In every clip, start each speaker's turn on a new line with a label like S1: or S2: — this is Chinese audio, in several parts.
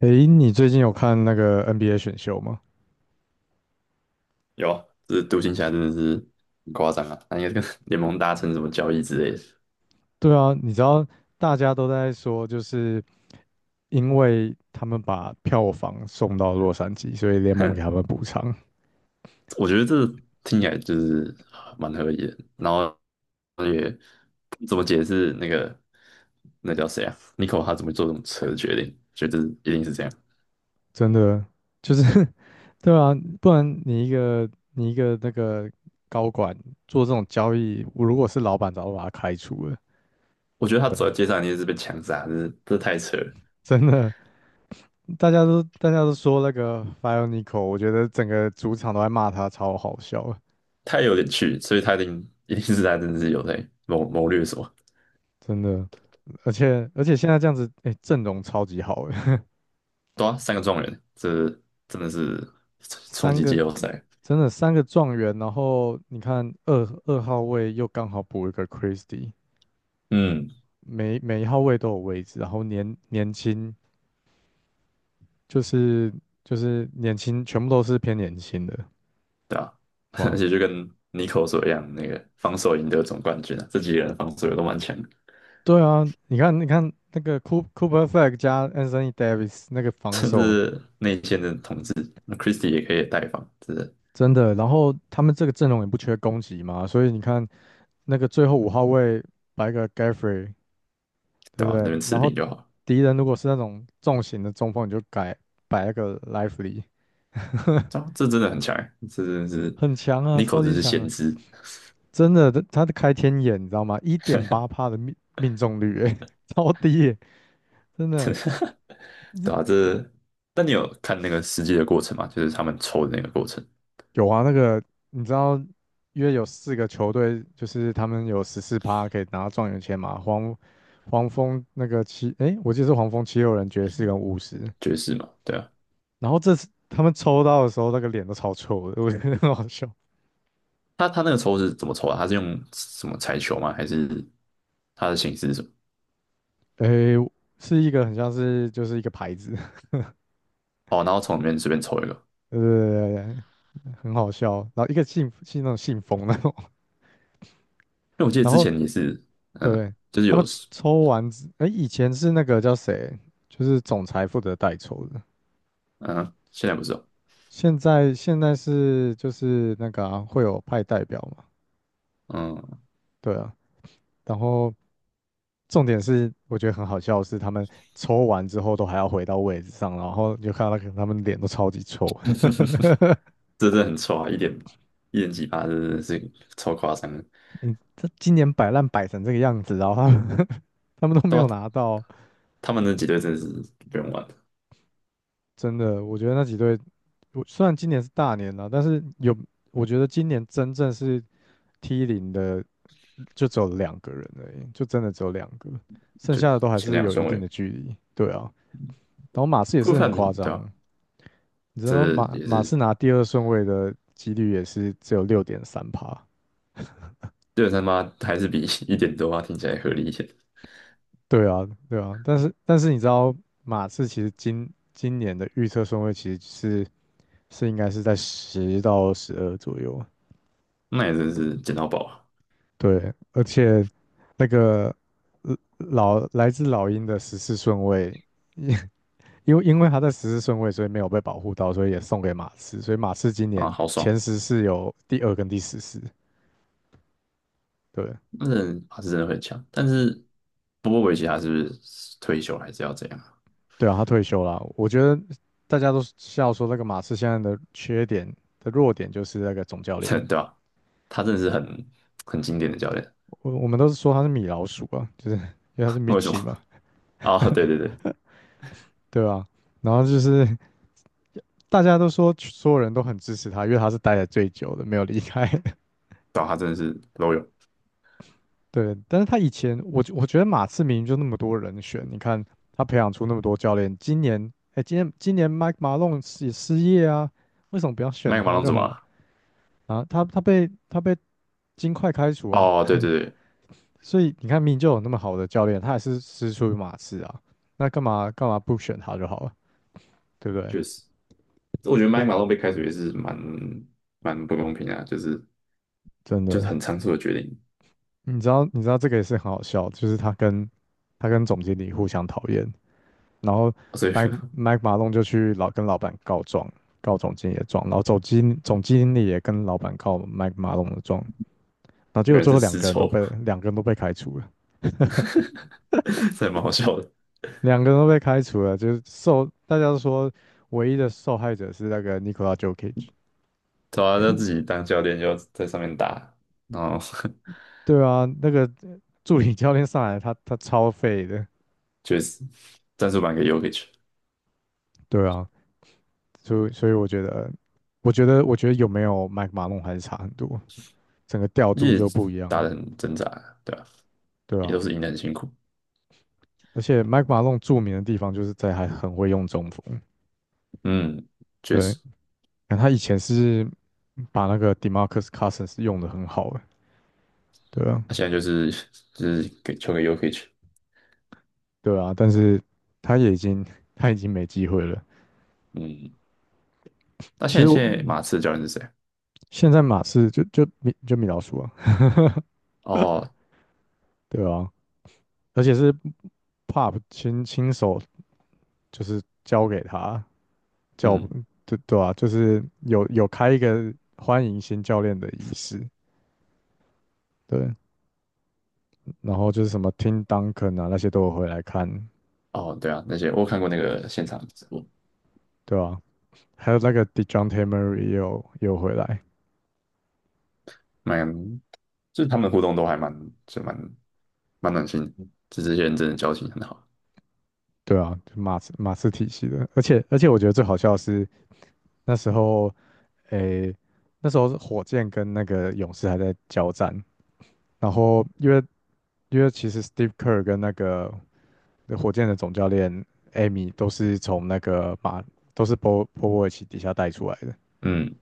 S1: 诶，你最近有看那个 NBA 选秀吗？
S2: 有啊，这独行侠真的是很夸张啊！他应该跟 联盟达成什么交易之类的，
S1: 对啊，你知道大家都在说，就是因为他们把票房送到洛杉矶，所以联 盟
S2: 哼，
S1: 给他们补偿。
S2: 我觉得这听起来就是蛮合理的。然后也不怎么解释那叫谁啊？Nico 他怎么做这种扯的决定？觉得一定是这样。
S1: 真的就是 对啊，不然你一个那个高管做这种交易，我如果是老板，早就把他开除了。
S2: 我觉得他
S1: 对啊，
S2: 走在街上一定是被枪杀，就是这太扯了，
S1: 真的，大家都说那个 f i o n i c o 我觉得整个主场都在骂他，超好笑的，
S2: 太有点趣，所以他一定一定是他真的是有在谋略什么。
S1: 真的。而且现在这样子，哎、阵容超级好诶，
S2: 对啊，三个状元，这真的是冲
S1: 三
S2: 击季
S1: 个
S2: 后赛。
S1: 真的三个状元，然后你看二号位又刚好补一个 Christie，
S2: 嗯。
S1: 每一号位都有位置，然后年轻就是就是年轻，全部都是偏年轻的，
S2: 对啊，而
S1: 哇，
S2: 且就跟 n i 妮 o 所一样，那个防守赢得总冠军啊，这几个人防守也都蛮强的，
S1: 对啊，你看那个 Cooper Flag 加 Anthony Davis 那个 防
S2: 甚
S1: 守。
S2: 至内线的统治，那 Christie 也可以带防，真的，
S1: 真的，然后他们这个阵容也不缺攻击嘛，所以你看那个最后五号位摆个 Gaffrey，对
S2: 对
S1: 不
S2: 吧、啊？那
S1: 对？
S2: 边
S1: 然
S2: 吃
S1: 后
S2: 饼就好了，
S1: 敌人如果是那种重型的中锋，你就改摆那个 Lively，
S2: 这真的很强欸，这真的是
S1: 很强啊，
S2: Nico
S1: 超
S2: 真
S1: 级
S2: 是
S1: 强啊，
S2: 先知，
S1: 真的，他的开天眼，你知道吗？1.8%的命中率、欸，超低欸，真
S2: 真
S1: 的。
S2: 的
S1: 你
S2: 对啊？这，但你有看那个实际的过程吗？就是他们抽的那个过程，
S1: 有啊，那个你知道，约有四个球队，就是他们有14%可以拿到状元签嘛，黄蜂那个七，诶，我记得是黄蜂76人爵士跟巫师，
S2: 爵士嘛，对啊，
S1: 然后这次他们抽到的时候，那个脸都超臭的，我觉得很好笑。
S2: 他那个抽是怎么抽啊？他是用什么彩球吗？还是他的形式是什么？
S1: 诶，是一个很像是就是一个牌子，
S2: 哦，然后从里面随便抽一个，
S1: 对对对对对，很好笑。然后一个信那种信封那种，
S2: 因为我 记得
S1: 然
S2: 之
S1: 后
S2: 前也是，嗯，
S1: 对
S2: 就是
S1: 他们
S2: 有，
S1: 抽完之，诶，以前是那个叫谁，就是总裁负责代抽的，
S2: 嗯，现在不是哦，
S1: 现在是就是那个啊会有派代表嘛，
S2: 嗯，
S1: 对啊。然后重点是我觉得很好笑的是，他们抽完之后都还要回到位置上，然后你就看到那个他们脸都超级臭。
S2: 这真的很臭啊，一点几趴，真的是超夸张的。
S1: 你这今年摆烂摆成这个样子，然后他们 他们都没
S2: 对
S1: 有
S2: 啊，
S1: 拿到，
S2: 他们那几队真的是不用玩，
S1: 真的，我觉得那几队，我虽然今年是大年了，但是有，我觉得今年真正是 T0的，就只有两个人而已，就真的只有两个，剩
S2: 就
S1: 下的都还
S2: 前
S1: 是
S2: 两
S1: 有一
S2: 顺
S1: 定
S2: 位，
S1: 的距离。对啊，然后马刺也
S2: 顾
S1: 是很
S2: 范明，
S1: 夸
S2: 对
S1: 张，
S2: 吧？
S1: 你知道
S2: 这
S1: 马
S2: 也
S1: 马
S2: 是
S1: 刺拿第二顺位的几率也是只有6.3%。
S2: 六三八还是比一点多八听起来合理一些，
S1: 对啊，对啊，但是你知道马刺其实今年的预测顺位其实是应该是在10到12左右，
S2: 那也真是捡到宝啊，
S1: 对，而且那个老来自老鹰的十四顺位，因因为他在14顺位，所以没有被保护到，所以也送给马刺。所以马刺今
S2: 啊，
S1: 年
S2: 好爽，
S1: 前十是有第二跟第14。对
S2: 那人他是真的很强，但是波波维奇他是不是退休还是要这样啊？
S1: 对啊，他退休了。我觉得大家都笑说那个马刺现在的缺点的弱点就是那个总教
S2: 对
S1: 练，
S2: 吧？他真的是很经典的教练。
S1: 我们都是说他是米老鼠啊，就是因为他是 m i
S2: 为
S1: t
S2: 什
S1: c h
S2: 么？
S1: i 嘛，
S2: 啊，对对对，
S1: 对吧、然后就是 大家都说所有人都很支持他，因为他是待的最久的，没有离开。
S2: 找他真的是都有。
S1: 对，但是他以前，我觉得马刺明明就那么多人选，你看他培养出那么多教练，今年，哎，今年 Mike Malone 是也失业啊，为什么不要选
S2: 麦克马
S1: 他
S2: 龙
S1: 就
S2: 怎么
S1: 好了
S2: 了？
S1: 啊？他被金块开除啊，
S2: 哦，对对对，
S1: 所以你看明明就有那么好的教练，他还是师出于马刺啊，那干嘛不选他就好了，对不对？
S2: 确实，我觉得麦
S1: 呃
S2: 克马龙被开除也是蛮不公平的啊，就是
S1: 真
S2: 就是
S1: 的，
S2: 很仓促的决定，
S1: 你知道这个也是很好笑，就是他跟总经理互相讨厌，然后
S2: 所以
S1: 麦马龙就去老跟老板告状，告总经理的状，然后总经理也跟老板告麦马龙的状，然后 结果
S2: 原来
S1: 最
S2: 是
S1: 后两
S2: 丝
S1: 个人都
S2: 绸，
S1: 被两个人都被开除了，
S2: 这还蛮好笑的。
S1: 两个人都被开除了，就是受大家都说唯一的受害者是那个尼 i 拉 o l a Jokic，
S2: 对啊，他自己 当教练要在上面打，然后
S1: 对啊，那个助理教练上来他超废的，
S2: 确实战术版给 Yokic,
S1: 对啊，所以我觉得，我觉得有没有麦马龙还是差很多，整个调度
S2: 也
S1: 就不一样，
S2: 打得很挣扎啊，对吧,
S1: 对
S2: 也都
S1: 啊，
S2: 是赢得很辛苦。
S1: 而且麦 i 马 e 著名的地方就是在还很会用中锋，
S2: 嗯，确
S1: 对，
S2: 实，
S1: 他以前是把那个 Demarcus Cousins 用的很好的，对啊，
S2: 他现在就是 就是给球给 Yokic,
S1: 对啊，但是他也已经他已经没机会了。
S2: 嗯。那
S1: 其
S2: 现在
S1: 实
S2: 现
S1: 我
S2: 在马刺的教练是谁？
S1: 现在马刺就米老鼠啊，
S2: 哦，
S1: 对啊，而且是 Pop 亲手就是交给他，叫
S2: 嗯，
S1: 对对啊，就是有开一个欢迎新教练的仪式，对，然后就是什么 Tim Duncan 啊那些都有回来看，
S2: 哦，对啊，那些我有看过那个现场，播，
S1: 对吧啊，还有那个 Dejounte Murray 也有回来，
S2: 蛮就是他们互动都还就蛮蛮暖心的，就这些人真的交情很好。
S1: 对啊，就马刺体系的，而且我觉得最好笑的是那时候，诶、那时候是火箭跟那个勇士还在交战，然后因为其实 Steve Kerr 跟那个火箭的总教练 Amy 都是从那个马都是波波维奇底下带出来的，
S2: 嗯，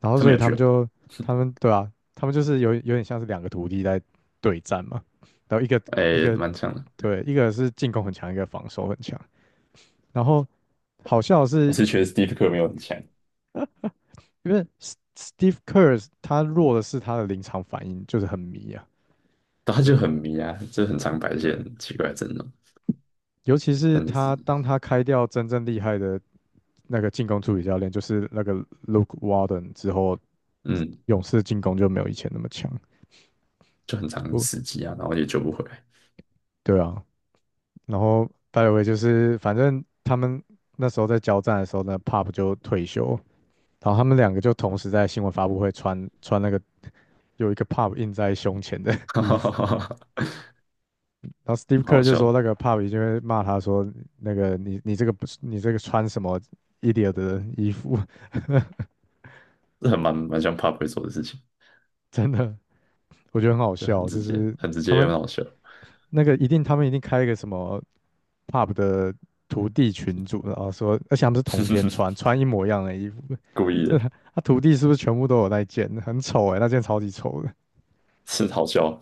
S1: 然后
S2: 他
S1: 所
S2: 们
S1: 以
S2: 有
S1: 他
S2: 趣
S1: 们
S2: 哦，
S1: 就他们对啊，他们就是有点像是两个徒弟在对战嘛，然后一个一
S2: 哎，
S1: 个
S2: 蛮强的。
S1: 对，一个是进攻很强，一个防守很强。然后好笑的
S2: 我
S1: 是，
S2: 是觉得 Stev 没有很强，
S1: 因为 Steve Kerr 他弱的是他的临场反应，就是很迷啊。
S2: 但他
S1: 对
S2: 就很迷啊，就很常摆一些
S1: 对，
S2: 很奇怪的阵容，
S1: 尤其是
S2: 但也是
S1: 他当他开掉真正厉害的那个进攻助理教练，就是那个 Luke Walton 之后，
S2: 嗯，
S1: 勇士进攻就没有以前那么强。
S2: 就很常
S1: 不，
S2: 死机啊，然后也救不回来，
S1: 对啊。然后 就是反正他们那时候在交战的时候呢，Pop 就退休，然后他们两个就同时在新闻发布会穿那个有一个 pub 印在胸前的
S2: 哈
S1: 衣
S2: 哈哈
S1: 服，
S2: 哈哈，
S1: 然后 Steve
S2: 蛮
S1: Kerr
S2: 好
S1: 就
S2: 笑
S1: 说
S2: 的，
S1: 那个 pub 已经会骂他说那个你你这个不是你这个穿什么 idiot 的衣服，
S2: 这很蛮像 Pop 会做的事情，
S1: 真的，我觉得很好
S2: 这很
S1: 笑，
S2: 直
S1: 就
S2: 接，
S1: 是
S2: 很直
S1: 他
S2: 接又
S1: 们
S2: 很好笑，
S1: 那个一定开一个什么 pub 的徒弟群组，然后说而且他们是同一天穿 穿一模一样的衣服，
S2: 故 意
S1: 这
S2: 的。
S1: 他徒弟是不是全部都有那一件？很丑哎，那件超级丑的。
S2: 是好笑。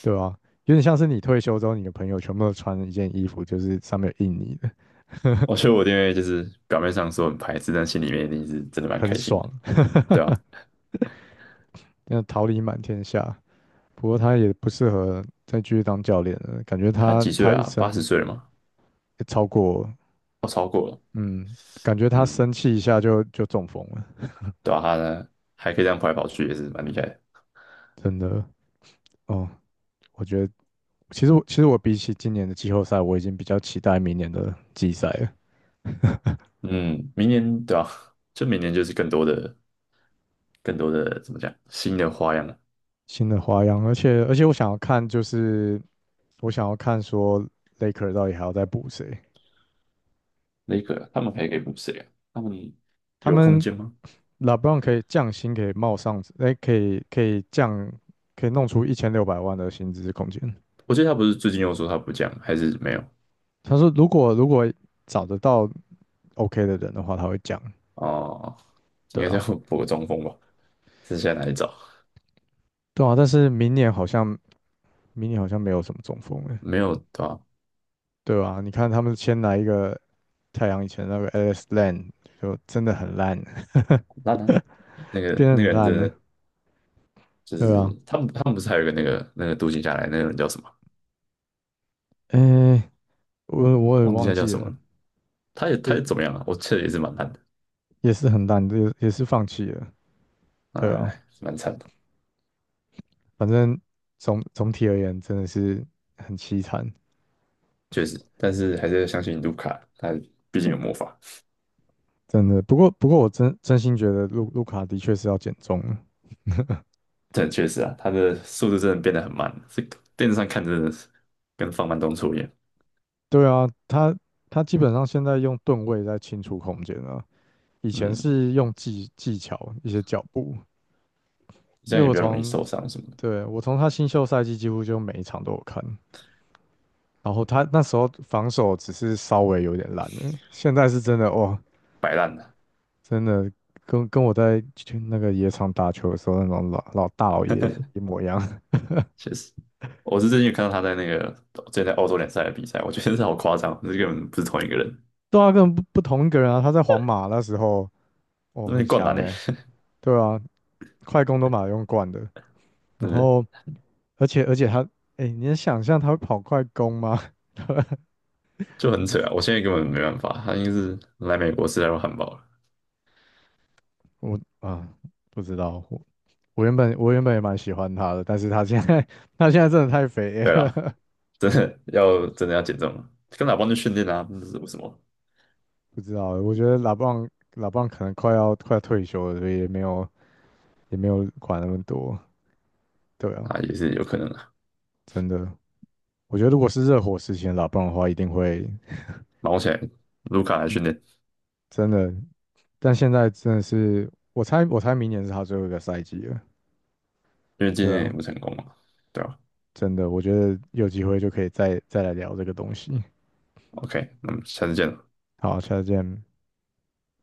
S1: 对啊，有点像是你退休之后，你的朋友全部都穿一件衣服，就是上面有印你的，
S2: 我觉得我弟妹就是表面上说很排斥，但心里面一定是真的蛮开
S1: 很
S2: 心的，
S1: 爽，
S2: 对啊，
S1: 那桃李满天下。不过他也不适合再继续当教练了，感觉
S2: 他
S1: 他
S2: 几岁
S1: 他一
S2: 啊？八十
S1: 生
S2: 岁了吗？
S1: 超过，
S2: 哦，超过了。
S1: 嗯，感觉他
S2: 嗯，
S1: 生气一下就中风了，
S2: 对啊，他呢还可以这样跑来跑去，也是蛮厉害的。
S1: 真的。哦，我觉得其实我比起今年的季后赛，我已经比较期待明年的季赛了，
S2: 嗯，明年对啊，就明年就是更多的,更多的怎么讲，新的花样了。
S1: 新的花样，而且我想要看就是我想要看说 Laker 到底还要再补谁。
S2: 雷克他们还可以补谁啊？他们
S1: 他
S2: 有空
S1: 们
S2: 间吗？
S1: LeBron 可以降薪，可以冒上，哎，可以降，可以弄出1,600万的薪资空间。
S2: 我记得他不是最近又说他不降，还是没有？
S1: 他说，如果找得到 OK 的人的话，他会降。
S2: 哦，应
S1: 对
S2: 该是
S1: 啊，
S2: 要 补个中锋吧？剩下哪里找？
S1: 对啊，但是明年好像没有什么中锋哎，
S2: 没有对吧,啊？
S1: 对啊，你看他们先来一个太阳以前那个 Alex Len，就真的很烂，
S2: 很烂啊那个
S1: 变得
S2: 那个
S1: 很
S2: 人真
S1: 烂了，
S2: 的就是
S1: 对啊，
S2: 他们不是还有一个那个读行下来那个人叫什么？
S1: 哎，我也
S2: 忘记
S1: 忘
S2: 他叫
S1: 记
S2: 什么
S1: 了，
S2: 了。他也他
S1: 对，
S2: 也怎么样啊？我记得也是蛮烂的，
S1: 也是很烂，也是放弃了，对啊，
S2: 哎，蛮惨的，
S1: 反正总体而言真的是很凄惨，
S2: 确实。但是还是要相信卢卡，他毕竟有魔法。
S1: 真的。不过我真心觉得路卡的确是要减重了。
S2: 但确实啊，他的速度真的变得很慢，这个电视上看真的是跟放慢动作一样。
S1: 对啊，他基本上现在用盾位在清除空间啊，以前
S2: 嗯，
S1: 是用技巧一些脚步。因
S2: 这
S1: 为
S2: 样也
S1: 我
S2: 比较容易
S1: 从
S2: 受伤什么的，
S1: 对我从他新秀赛季几乎就每一场都有看，然后他那时候防守只是稍微有点烂而已现在是真的哇，
S2: 摆烂的，
S1: 真的跟我在去那个野场打球的时候那种老大老爷 一模一样。
S2: 确实。我是最近有看到他在那个最近在澳洲联赛的比赛，我觉得真是好夸张，这根本不是同一个人，
S1: 对啊，根本不同一个人啊！他在皇马那时候，哦，
S2: 那
S1: 很
S2: 边灌篮
S1: 强
S2: 呢,
S1: 诶、对啊，快攻都马用惯的。
S2: 真
S1: 然
S2: 的
S1: 后，而且他，诶、你能想象他会跑快攻吗？
S2: 就很扯啊！我现在根本没办法，他应该是来美国吃太多汉堡了。
S1: 我啊，不知道。我原本也蛮喜欢他的，但是他现在 他现在真的太肥
S2: 对啦，
S1: 了，
S2: 真的要减重了，跟老邦去训练啊，那是为什么
S1: 不知道。我觉得老棒可能快要退休了，所以也没有管那么多。对啊，
S2: 啊？也是有可能的。
S1: 真的，我觉得如果是热火时期的拉布朗的话，一定会
S2: 忙起来，卢卡来
S1: 嗯
S2: 训练，
S1: 真的但现在真的是，我猜明年是他最后一个赛季了，
S2: 因为今
S1: 对
S2: 年也
S1: 啊，
S2: 不成功嘛，对吧
S1: 真的，我觉得有机会就可以再来聊这个东西。
S2: ？OK,那么
S1: 嗯，
S2: 下次见了。
S1: 好，下次见。